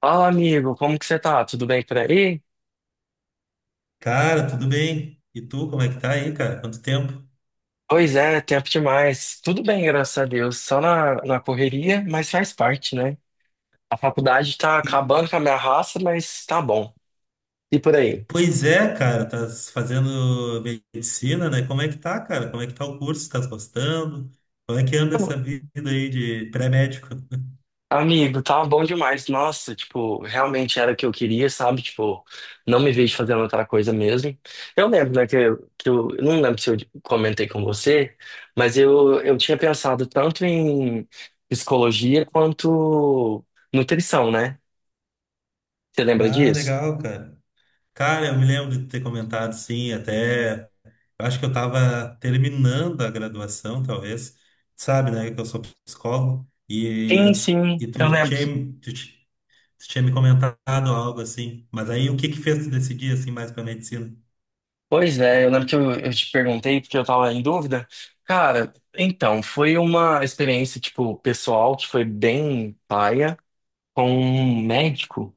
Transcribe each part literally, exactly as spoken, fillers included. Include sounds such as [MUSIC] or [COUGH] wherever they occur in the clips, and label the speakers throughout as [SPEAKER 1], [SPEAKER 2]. [SPEAKER 1] Fala, amigo, como que você tá? Tudo bem por aí?
[SPEAKER 2] Cara, tudo bem? E tu, como é que tá aí, cara? Quanto tempo?
[SPEAKER 1] Pois é, tempo demais. Tudo bem, graças a Deus. Só na, na correria, mas faz parte, né? A faculdade tá
[SPEAKER 2] E-
[SPEAKER 1] acabando com a minha raça, mas tá bom. E por aí?
[SPEAKER 2] Pois é, cara, tá fazendo medicina, né? Como é que tá, cara? Como é que tá o curso? Tá gostando? Como é que anda essa vida aí de pré-médico? [LAUGHS]
[SPEAKER 1] Amigo, tá bom demais. Nossa, tipo, realmente era o que eu queria, sabe? Tipo, não me vejo fazendo outra coisa mesmo. Eu lembro, né, que, eu- que eu eu não lembro se eu comentei com você, mas eu, eu tinha pensado tanto em psicologia quanto nutrição, né? Você lembra
[SPEAKER 2] Ah,
[SPEAKER 1] disso?
[SPEAKER 2] legal, cara. Cara, eu me lembro de ter comentado, sim, até. Eu Acho que eu tava terminando a graduação, talvez. Sabe, né? Que eu sou psicólogo. E,
[SPEAKER 1] Sim, sim,
[SPEAKER 2] e
[SPEAKER 1] eu
[SPEAKER 2] tu
[SPEAKER 1] lembro
[SPEAKER 2] tinha,
[SPEAKER 1] que.
[SPEAKER 2] você tinha me comentado algo assim. Mas aí o que que fez tu decidir assim mais para medicina?
[SPEAKER 1] Pois é, eu lembro que eu, eu te perguntei porque eu tava em dúvida. Cara, então, foi uma experiência, tipo, pessoal que foi bem paia com um médico.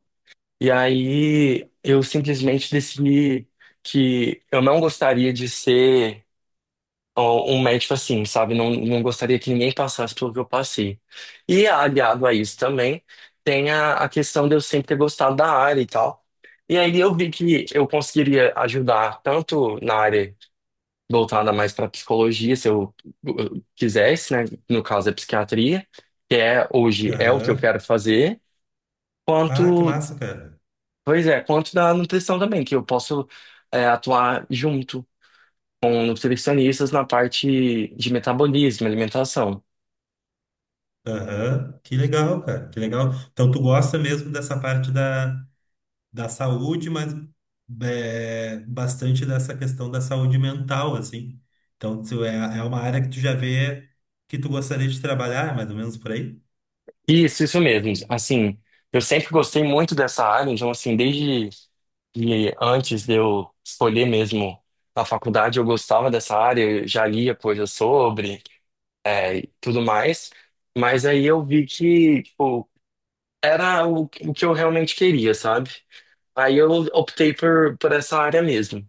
[SPEAKER 1] E aí eu simplesmente decidi que eu não gostaria de ser. Ó, um médico assim, sabe? Não, não gostaria que ninguém passasse pelo que eu passei. E aliado a isso também, tem a, a questão de eu sempre ter gostado da área e tal. E aí eu vi que eu conseguiria ajudar tanto na área voltada mais para psicologia, se eu eu quisesse, né? No caso é psiquiatria, que é hoje é o que eu
[SPEAKER 2] Aham.
[SPEAKER 1] quero fazer,
[SPEAKER 2] Ah, que
[SPEAKER 1] quanto,
[SPEAKER 2] massa, cara.
[SPEAKER 1] pois é, quanto da nutrição também, que eu posso é, atuar junto com nutricionistas na parte de metabolismo, alimentação.
[SPEAKER 2] Aham. Que legal, cara. Que legal. Então tu gosta mesmo dessa parte da, da saúde, mas é, bastante dessa questão da saúde mental, assim. Então tu é, é uma área que tu já vê que tu gostaria de trabalhar, mais ou menos por aí?
[SPEAKER 1] Isso, isso mesmo. Assim, eu sempre gostei muito dessa área, então, assim, desde que antes de eu escolher mesmo a faculdade, eu gostava dessa área, eu já lia coisas sobre, é, e tudo mais. Mas aí eu vi que, tipo, era o, o que eu realmente queria, sabe? Aí eu optei por, por essa área mesmo.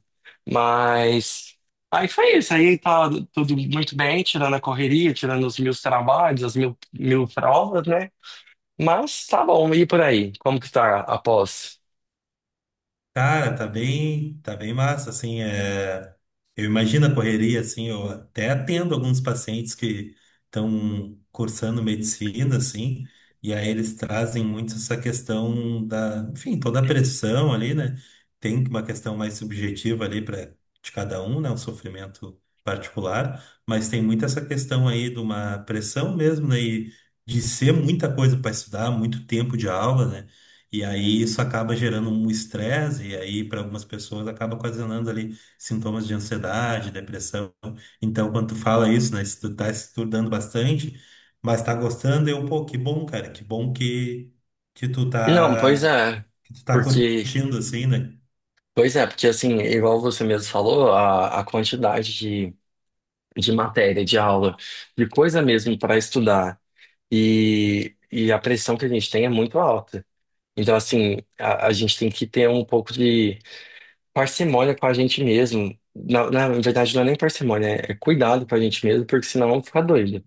[SPEAKER 1] Mas aí foi isso. Aí tá tudo muito bem, tirando a correria, tirando os meus trabalhos, as mil, mil provas, né? Mas tá bom, e por aí? Como que tá a pós?
[SPEAKER 2] Cara, tá bem, tá bem massa, assim, é... eu imagino a correria, assim, eu até atendo alguns pacientes que estão cursando medicina, assim, e aí eles trazem muito essa questão da, enfim, toda a pressão ali, né? Tem uma questão mais subjetiva ali para de cada um, né? Um sofrimento particular, mas tem muito essa questão aí de uma pressão mesmo, né? E de ser muita coisa para estudar, muito tempo de aula, né? E aí isso acaba gerando um estresse, e aí para algumas pessoas acaba ocasionando ali sintomas de ansiedade, depressão. Então, quando tu fala isso, né, se tu tá estudando bastante, mas tá gostando, eu, pô, que bom, cara, que bom que, que tu
[SPEAKER 1] Não, pois
[SPEAKER 2] tá,
[SPEAKER 1] é.
[SPEAKER 2] que tu tá
[SPEAKER 1] Porque,
[SPEAKER 2] curtindo, assim, né?
[SPEAKER 1] pois é, porque assim, igual você mesmo falou, a, a quantidade de, de matéria, de aula, de coisa mesmo para estudar e, e a pressão que a gente tem é muito alta. Então, assim, a, a gente tem que ter um pouco de parcimônia com a gente mesmo. Na, na verdade, não é nem parcimônia, é é cuidado com a gente mesmo, porque senão vamos ficar doido.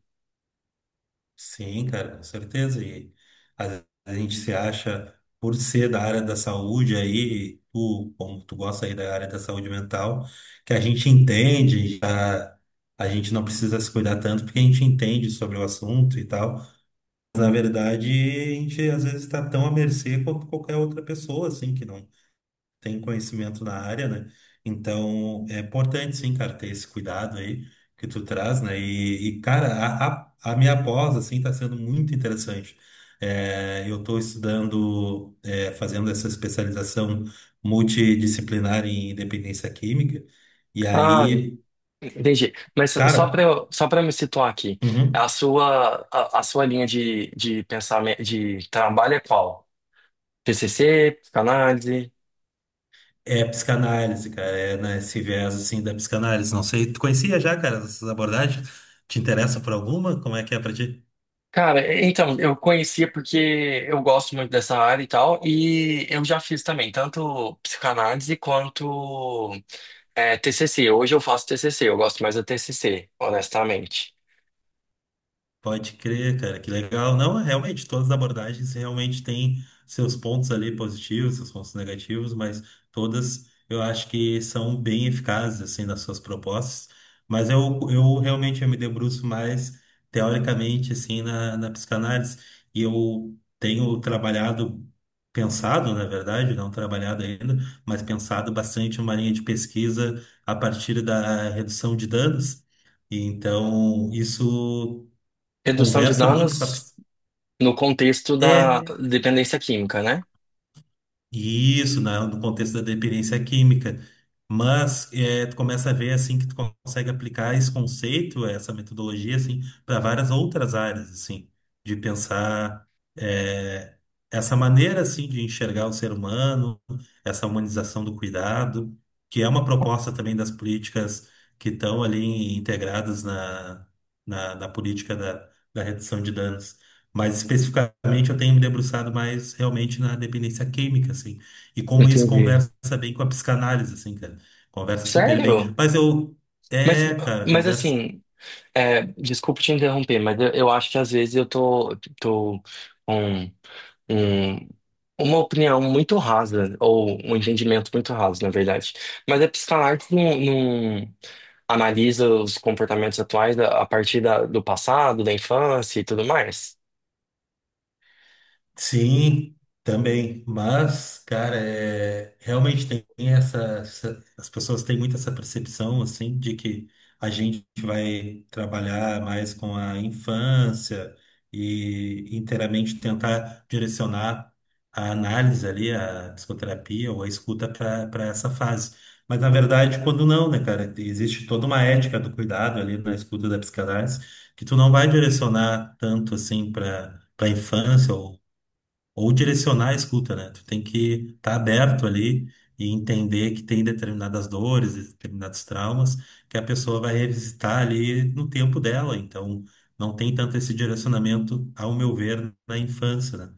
[SPEAKER 2] Sim, cara, com certeza. E às vezes a gente se acha, por ser da área da saúde aí, tu, como tu gosta aí da área da saúde mental, que a gente entende, já, a gente não precisa se cuidar tanto porque a gente entende sobre o assunto e tal. Mas, na verdade, a gente às vezes está tão à mercê quanto qualquer outra pessoa, assim, que não tem conhecimento na área, né? Então, é importante, sim, cara, ter esse cuidado aí que tu traz, né? E, e, cara, a, a, a minha pós, assim, tá sendo muito interessante. É, eu tô estudando, é, fazendo essa especialização multidisciplinar em dependência química, e
[SPEAKER 1] Ah,
[SPEAKER 2] aí,
[SPEAKER 1] entendi. Mas só para
[SPEAKER 2] cara,
[SPEAKER 1] eu, só para me situar aqui,
[SPEAKER 2] uhum,
[SPEAKER 1] a sua, a, a sua linha de, de pensamento, de trabalho é qual? T C C, psicanálise?
[SPEAKER 2] é psicanálise, cara, é nesse viés, assim, da psicanálise. Não sei, tu conhecia já, cara, essas abordagens? Te interessa por alguma? Como é que é pra ti?
[SPEAKER 1] Cara, é- então, eu conhecia porque eu gosto muito dessa área e tal, e eu já fiz também, tanto psicanálise quanto é, T C C. Hoje eu faço T C C. Eu gosto mais do T C C, honestamente.
[SPEAKER 2] Pode crer, cara, que legal. Não, realmente, todas as abordagens realmente têm seus pontos ali positivos, seus pontos negativos, mas todas eu acho que são bem eficazes, assim, nas suas propostas. Mas eu, eu realmente eu me debruço mais teoricamente, assim, na, na psicanálise. E eu tenho trabalhado, pensado, na verdade, não trabalhado ainda, mas pensado bastante uma linha de pesquisa a partir da redução de danos. e Então, isso
[SPEAKER 1] Redução de
[SPEAKER 2] conversa muito com a...
[SPEAKER 1] danos
[SPEAKER 2] ps-
[SPEAKER 1] no contexto da
[SPEAKER 2] É,
[SPEAKER 1] dependência química, né?
[SPEAKER 2] isso, na, no contexto da dependência química. Mas é, tu começa a ver assim que tu consegue aplicar esse conceito, essa metodologia assim, para várias outras áreas assim, de pensar é, essa maneira assim de enxergar o ser humano, essa humanização do cuidado, que é uma proposta também das políticas que estão ali integradas na, na, na política da, da redução de danos. Mas especificamente eu tenho me debruçado mais realmente na dependência química, assim. E como isso
[SPEAKER 1] Entendi.
[SPEAKER 2] conversa bem com a psicanálise, assim, cara. Conversa super bem.
[SPEAKER 1] Sério?
[SPEAKER 2] Mas eu.
[SPEAKER 1] Mas,
[SPEAKER 2] É, cara,
[SPEAKER 1] mas
[SPEAKER 2] conversa.
[SPEAKER 1] assim, é, desculpa te interromper, mas eu, eu acho que às vezes eu tô, tô com um, uma opinião muito rasa, ou um entendimento muito raso, na verdade. Mas a psicanálise não, não analisa os comportamentos atuais a a partir da- do passado, da infância e tudo mais.
[SPEAKER 2] Sim, também. Mas, cara, é, realmente tem essa, essa- as pessoas têm muito essa percepção, assim, de que a gente vai trabalhar mais com a infância e inteiramente tentar direcionar a análise ali, a psicoterapia ou a escuta para essa fase. Mas, na verdade, quando não, né, cara? Existe toda uma ética do cuidado ali na escuta da psicanálise que tu não vai direcionar tanto, assim, para. Para infância ou direcionar a escuta, né? Tu tem que estar aberto ali e entender que tem determinadas dores, determinados traumas que a pessoa vai revisitar ali no tempo dela. Então, não tem tanto esse direcionamento, ao meu ver, na infância, né?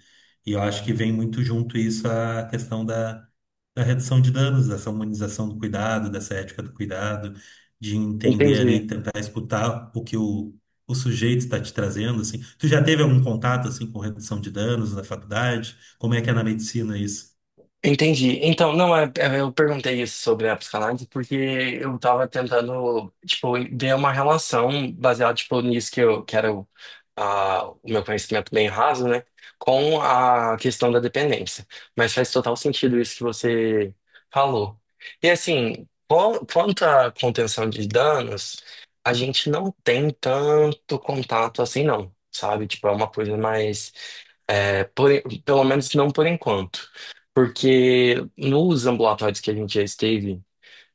[SPEAKER 2] E eu acho que vem muito junto isso a questão da, da redução de danos, dessa humanização do cuidado, dessa ética do cuidado, de entender ali,
[SPEAKER 1] Entendi.
[SPEAKER 2] tentar escutar o que o o sujeito está te trazendo, assim? Tu já teve algum contato, assim, com redução de danos na faculdade? Como é que é na medicina isso?
[SPEAKER 1] Entendi. Então, não, é- é- eu perguntei isso sobre a psicanálise porque eu tava tentando, tipo, ver uma relação baseada, tipo, nisso que eu quero, ah, o meu conhecimento bem raso, né, com a questão da dependência. Mas faz total sentido isso que você falou. E assim, qu- quanto à contenção de danos, a gente não tem tanto contato assim, não, sabe? Tipo, é uma coisa mais, é, por pelo menos não por enquanto. Porque nos ambulatórios que a gente já esteve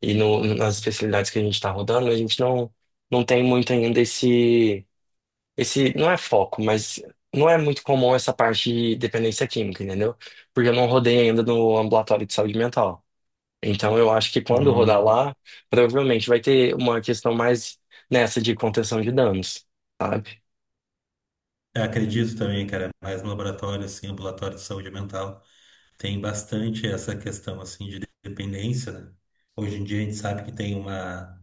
[SPEAKER 1] e no- nas especialidades que a gente está rodando, a gente não, não tem muito ainda esse, esse. Não é foco, mas não é muito comum essa parte de dependência química, entendeu? Porque eu não rodei ainda no ambulatório de saúde mental. Então eu acho que quando rodar
[SPEAKER 2] Hum,
[SPEAKER 1] lá, provavelmente vai ter uma questão mais nessa de contenção de danos, sabe?
[SPEAKER 2] eu acredito também, cara, mais no laboratório, assim, ambulatório de saúde mental, tem bastante essa questão, assim, de dependência, né? Hoje em dia a gente sabe que tem uma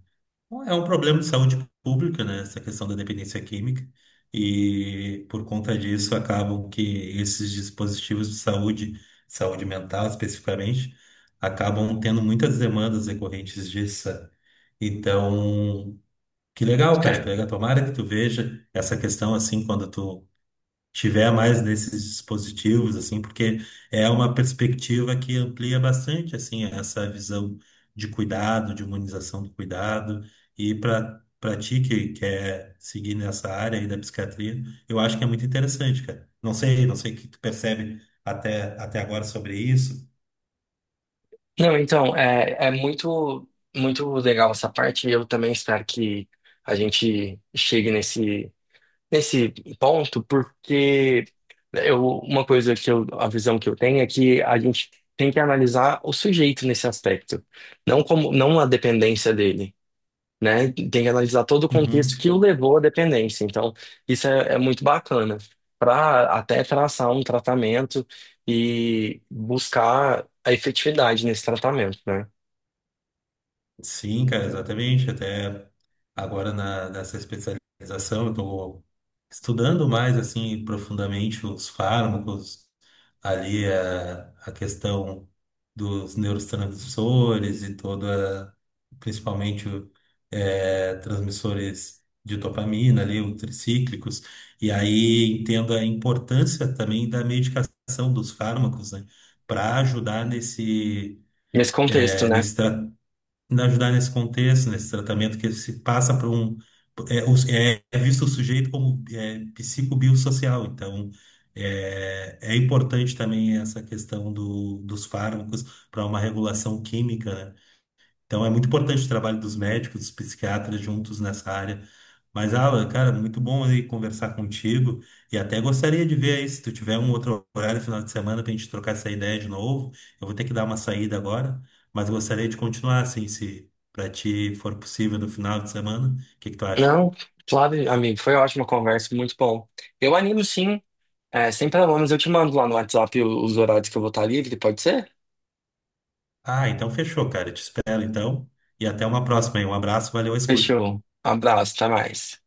[SPEAKER 2] é um problema de saúde pública, né? Essa questão da dependência química. E por conta disso, acabam que esses dispositivos de saúde, saúde mental especificamente, acabam tendo muitas demandas decorrentes disso. Sabe? Então, que legal, cara, que legal. Tomara que tu veja essa questão assim quando tu tiver mais desses dispositivos, assim, porque é uma perspectiva que amplia bastante, assim, essa visão de cuidado, de humanização do cuidado, e para para ti que quer seguir nessa área aí da psiquiatria, eu acho que é muito interessante, cara. Não sei, não sei o que tu percebe até, até agora sobre isso.
[SPEAKER 1] Não, então, é, é muito, muito legal essa parte. Eu também espero que a gente chegue nesse, nesse ponto, porque eu, uma coisa que eu, a visão que eu tenho é que a gente tem que analisar o sujeito nesse aspecto, não como, não a dependência dele, né? Tem que analisar todo o contexto
[SPEAKER 2] Uhum.
[SPEAKER 1] que o levou à dependência. Então, isso é, é muito bacana para até traçar um tratamento e buscar a efetividade nesse tratamento, né?
[SPEAKER 2] Sim, cara, exatamente. Até agora na, nessa especialização, eu estou estudando mais assim profundamente os fármacos, ali é a, a questão dos neurotransmissores e toda, principalmente eh, transmissores de dopamina ali, os tricíclicos, e aí entendo a importância também da medicação dos fármacos, né, para ajudar nesse
[SPEAKER 1] Nesse contexto,
[SPEAKER 2] eh,
[SPEAKER 1] né?
[SPEAKER 2] nesse tratamento nos ajudar nesse contexto, nesse tratamento que se passa por um. É, os- é- é visto o sujeito como é, psicobiosocial, então é, é importante também essa questão do, dos fármacos para uma regulação química, né? Então é muito importante o trabalho dos médicos, dos psiquiatras juntos nessa área. Mas, Alan, cara, muito bom aí conversar contigo e até gostaria de ver aí se tu tiver um outro horário final de semana pra gente trocar essa ideia de novo. Eu vou ter que dar uma saída agora, mas gostaria de continuar assim, se pra ti for possível no final de semana. O que que tu acha?
[SPEAKER 1] Não, claro, amigo, foi ótima conversa, muito bom. Eu animo sim, é, sem problemas, eu te mando lá no WhatsApp o- os horários que eu vou estar livre, pode ser?
[SPEAKER 2] Ah, então fechou, cara. Eu te espero então e até uma próxima aí. Um abraço, valeu a escuta.
[SPEAKER 1] Fechou. Abraço, até mais.